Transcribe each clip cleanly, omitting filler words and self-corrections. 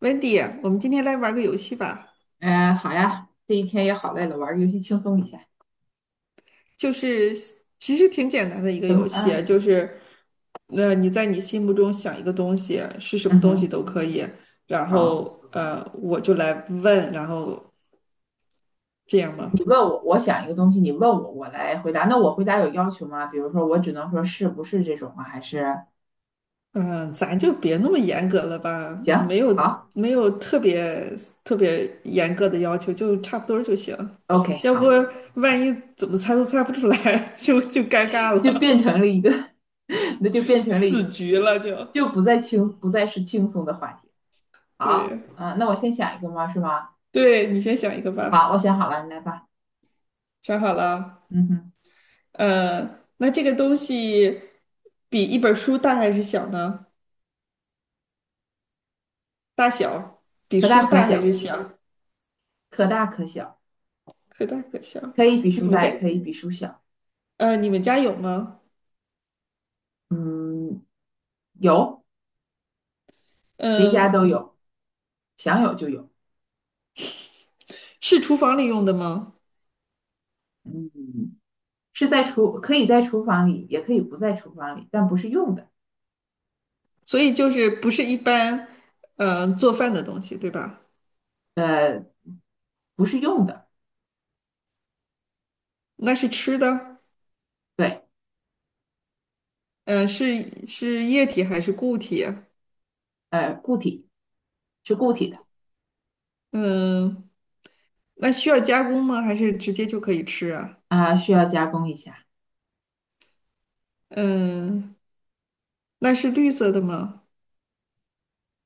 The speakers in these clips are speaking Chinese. Wendy，我们今天来玩个游戏吧，嗯，好呀，这一天也好累了，玩个游戏轻松一下。就是其实挺简单的一个什游么？戏啊，嗯就是那、你在你心目中想一个东西，是什么嗯东西哼，都可以，然好。后我就来问，然后这样吗？你问我，我想一个东西，你问我，我来回答。那我回答有要求吗？比如说，我只能说是不是这种啊？还是嗯、咱就别那么严格了吧，没行，有好没有特别特别严格的要求，就差不多儿就行，，OK，要不好，万一怎么猜都猜不出来，就尴尬 就了，变成了一个，那就变成了一，死个，局了就，就不再轻，不再是轻松的话题。对。好，那我先想一个吗？是吗？对，你先想一个好，吧，我想好了，你来吧。想好了啊。嗯哼，那这个东西比一本书大还是小呢？大小比可大书可大还小，是小？可大可小，可大可小。可以比你书们大，家也可以比书小。你们家有吗？嗯，有。谁家嗯、都有，想有就有，是厨房里用的吗？嗯，是在厨，可以在厨房里，也可以不在厨房里，但不是用的，所以就是不是一般嗯，做饭的东西，对吧？呃，不是用的，那是吃的，对，嗯、是液体还是固体啊？固体是固体的，嗯、那需要加工吗？还是直接就可以吃啊？需要加工一下，嗯、那是绿色的吗？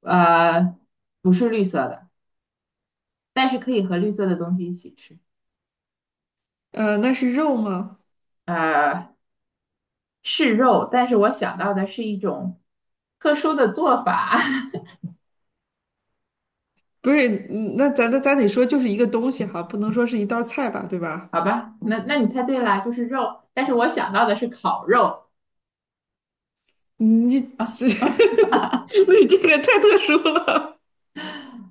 呃，不是绿色的，但是可以和绿色的东西一起吃，那是肉吗？呃，是肉，但是我想到的是一种特殊的做法，不是，嗯那咱得说就是一个东西哈，不能说是一道菜吧，对 吧？好吧，那你猜对啦，就是肉，但是我想到的是烤肉，你 你这个太特殊了。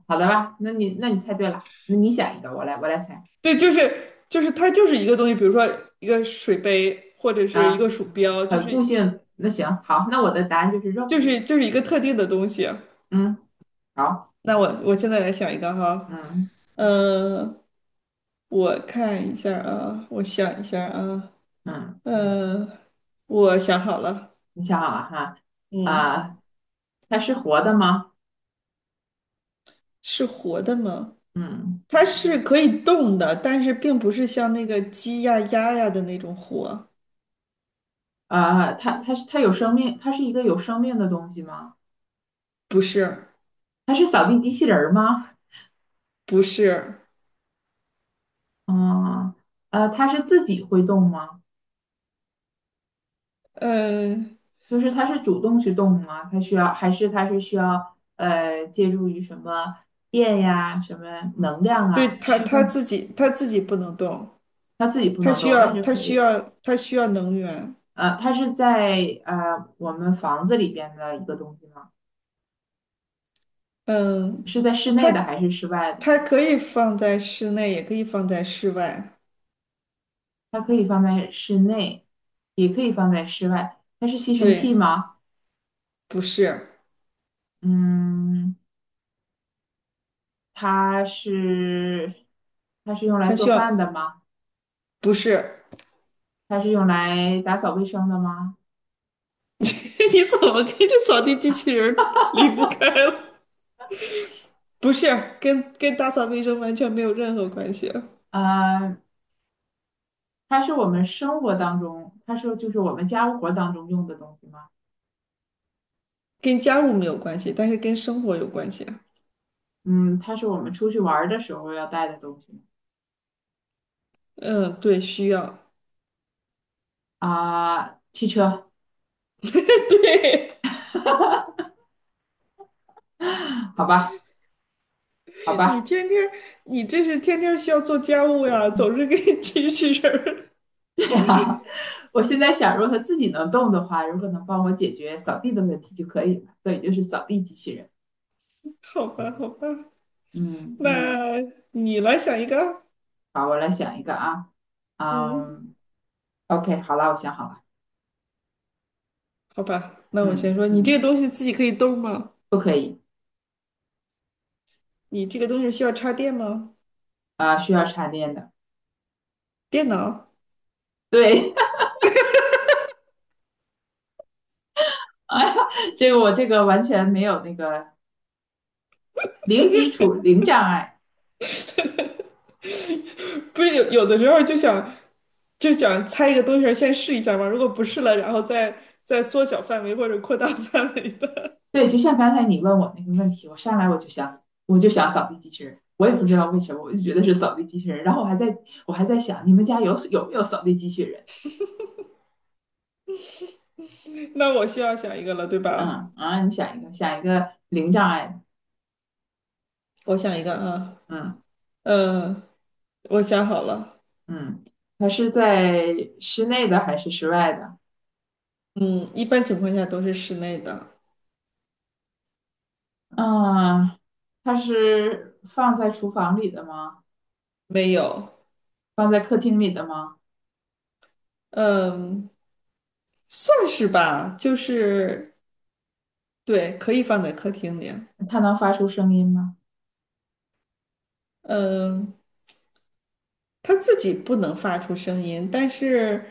好的吧，那你猜对了，那你想一个，我来猜。对，就是它就是一个东西，比如说一个水杯或者是一个啊，鼠标，很固性。那行，好，那我的答案就是肉。就是一个特定的东西。嗯，好，那我现在来想一个哈，嗯嗯、我看一下啊，我想一下啊，嗯，嗯、我想好了，你想好了哈？嗯，啊，它是活的吗？是活的吗？嗯，它是可以动的，但是并不是像那个鸡呀、鸭呀的那种火，啊，它有生命，它是一个有生命的东西吗？不是，它是扫地机器人儿吗？不是，嗯，它是自己会动吗？嗯，就是它是主动去动吗？它需要还是它是需要借助于什么电呀、什么能量对，啊它驱它动？自己它自己不能动，它自己不它能需动，但要是它可以。需要能源，呃，它是在我们房子里边的一个东西吗？嗯，是在室它内的还是室外的？它可以放在室内，也可以放在室外，它可以放在室内，也可以放在室外。它是吸尘对，器吗？不是，嗯，它是它是用来它做需饭要，的吗？不是，它是用来打扫卫生的吗？你怎么跟这扫地机器人儿离不开了？不是，跟打扫卫生完全没有任何关系。呃，它是我们生活当中，它是就是我们家务活当中用的东西吗？跟家务没有关系，但是跟生活有关系啊。嗯，它是我们出去玩儿的时候要带的东西吗？嗯，对，需要。啊，汽车，对，好吧，好你吧。天天，你这是天天需要做家务呀，总是跟机器人儿。对啊，我现在想，如果它自己能动的话，如果能帮我解决扫地的问题就可以了，所以就是扫地机器人。好吧，好吧，嗯嗯，那你来想一个啊。好，我来想一个啊，嗯，嗯，OK，好了，我想好了，好吧，那我先嗯，说，你这个东西自己可以动吗？不可以你这个东西需要插电吗？啊，需要插电的。电脑？对，哎呀，我这个完全没有那个零基础、零障碍。不是有时候就想就想猜一个东西儿先试一下嘛，如果不试了，然后再再缩小范围或者扩大 范围的。对，就像刚才你问我那个问题，我上来我就想，我就想扫地机器人，我也不知道为什么，我就觉得是扫地机器人，然后我还在想，你们家有没有扫地机器人？那我需要想一个了，对吧？嗯啊，你想一个，想一个零障碍的，我想一个啊，嗯嗯，我想好了，嗯，它是在室内的还是室外的？嗯，一般情况下都是室内的，嗯，它是放在厨房里的吗？没有，放在客厅里的吗？嗯，算是吧，就是对，可以放在客厅里，它能发出声音吗？嗯，它自己不能发出声音，但是，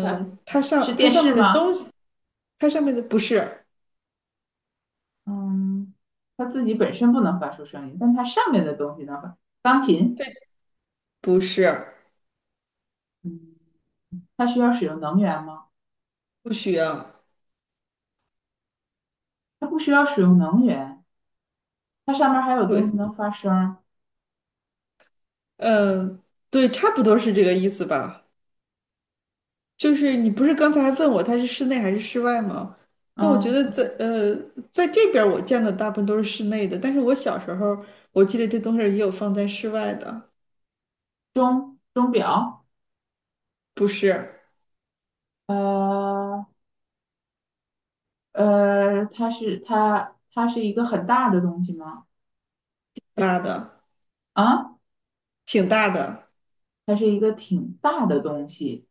它是它电上视面的吗？东西，它上面的不是，嗯，它自己本身不能发出声音，但它上面的东西能发。钢琴，对，不是，嗯，它需要使用能源吗？不需要，它不需要使用能源，它上面还有东对，西能发声儿嗯，对，差不多是这个意思吧。就是你不是刚才还问我它是室内还是室外吗？那我觉嗯，得在在这边儿我见的大部分都是室内的，但是我小时候我记得这东西儿也有放在室外的，钟表，不是呃。它是一个很大的东西吗？大的，啊，挺大的，它是一个挺大的东西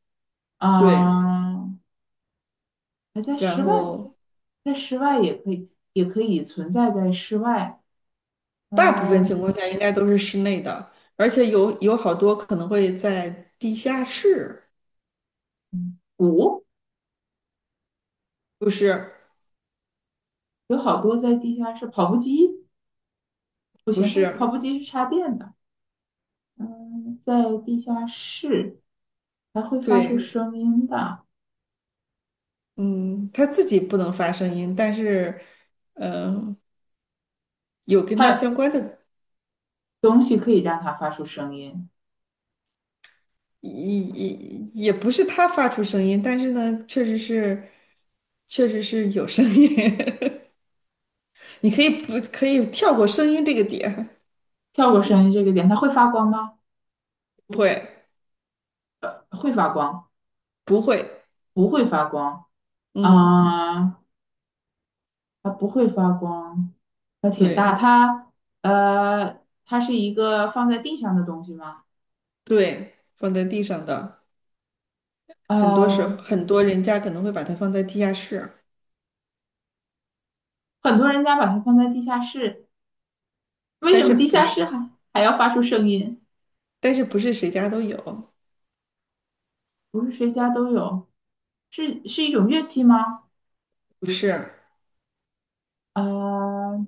对。啊，还在室然外，后在室外也可以存在在室外。大部分呃，情况下应该都是室内的，而且有好多可能会在地下室，嗯鼓不是有好多在地下室，跑步机不不行，它跑是，步机是插电的。嗯，在地下室还会发出对，声音的，嗯，它自己不能发声音，但是嗯、呃有跟它相它关的。东西可以让它发出声音。也也也不是他发出声音，但是呢，确实是，确实是有声音。你可以不可以跳过声音这个点？跳过声音这个点，它会发光吗？不会，会发光。不会，不会发光嗯，啊，它不会发光，它挺大，对它它是一个放在地上的东西吗？对，放在地上的，很多时候呃，很多人家可能会把它放在地下室，很多人家把它放在地下室，为什但是么地不下是，室还要发出声音？但是不是谁家都有，不是谁家都有，是一种乐器吗？不是呃，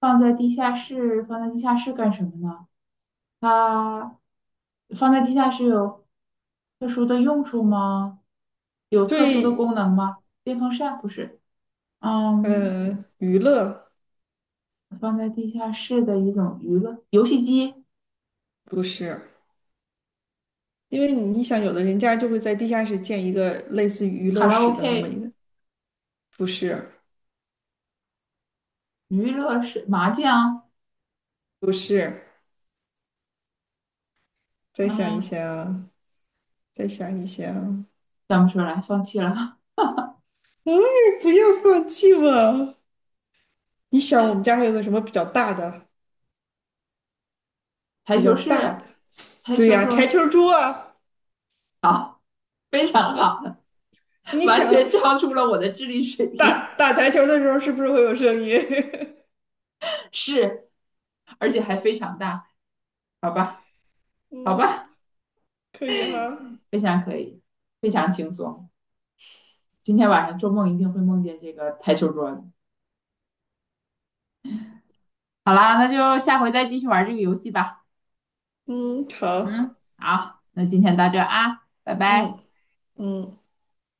放在地下室，放在地下室干什么呢？它放在地下室有特殊的用处吗？有特殊的最功能吗？电风扇不是，嗯，娱乐放在地下室的一种娱乐，游戏机、不是，因为你想，有的人家就会在地下室建一个类似于娱卡乐拉 室的那么一 OK、个。不是，娱乐室、麻将，不是，再想一嗯，想，再想一想，想不出来，放弃了。哎，不要放弃嘛！你想，我们家还有个什么比较大的？台比较球大室、的，台对球呀、台球桌，桌啊！好，非常好，你完想全超出了我的智力水平，打打台球的时候，是不是会有声音？是，而且还非常大，好吧，好嗯，吧，可以哈。非常可以，非常轻松。今天晚上做梦一定会梦见这个台球桌的。好啦，那就下回再继续玩这个游戏吧。嗯，好，嗯，好，那今天到这啊，拜拜。嗯嗯。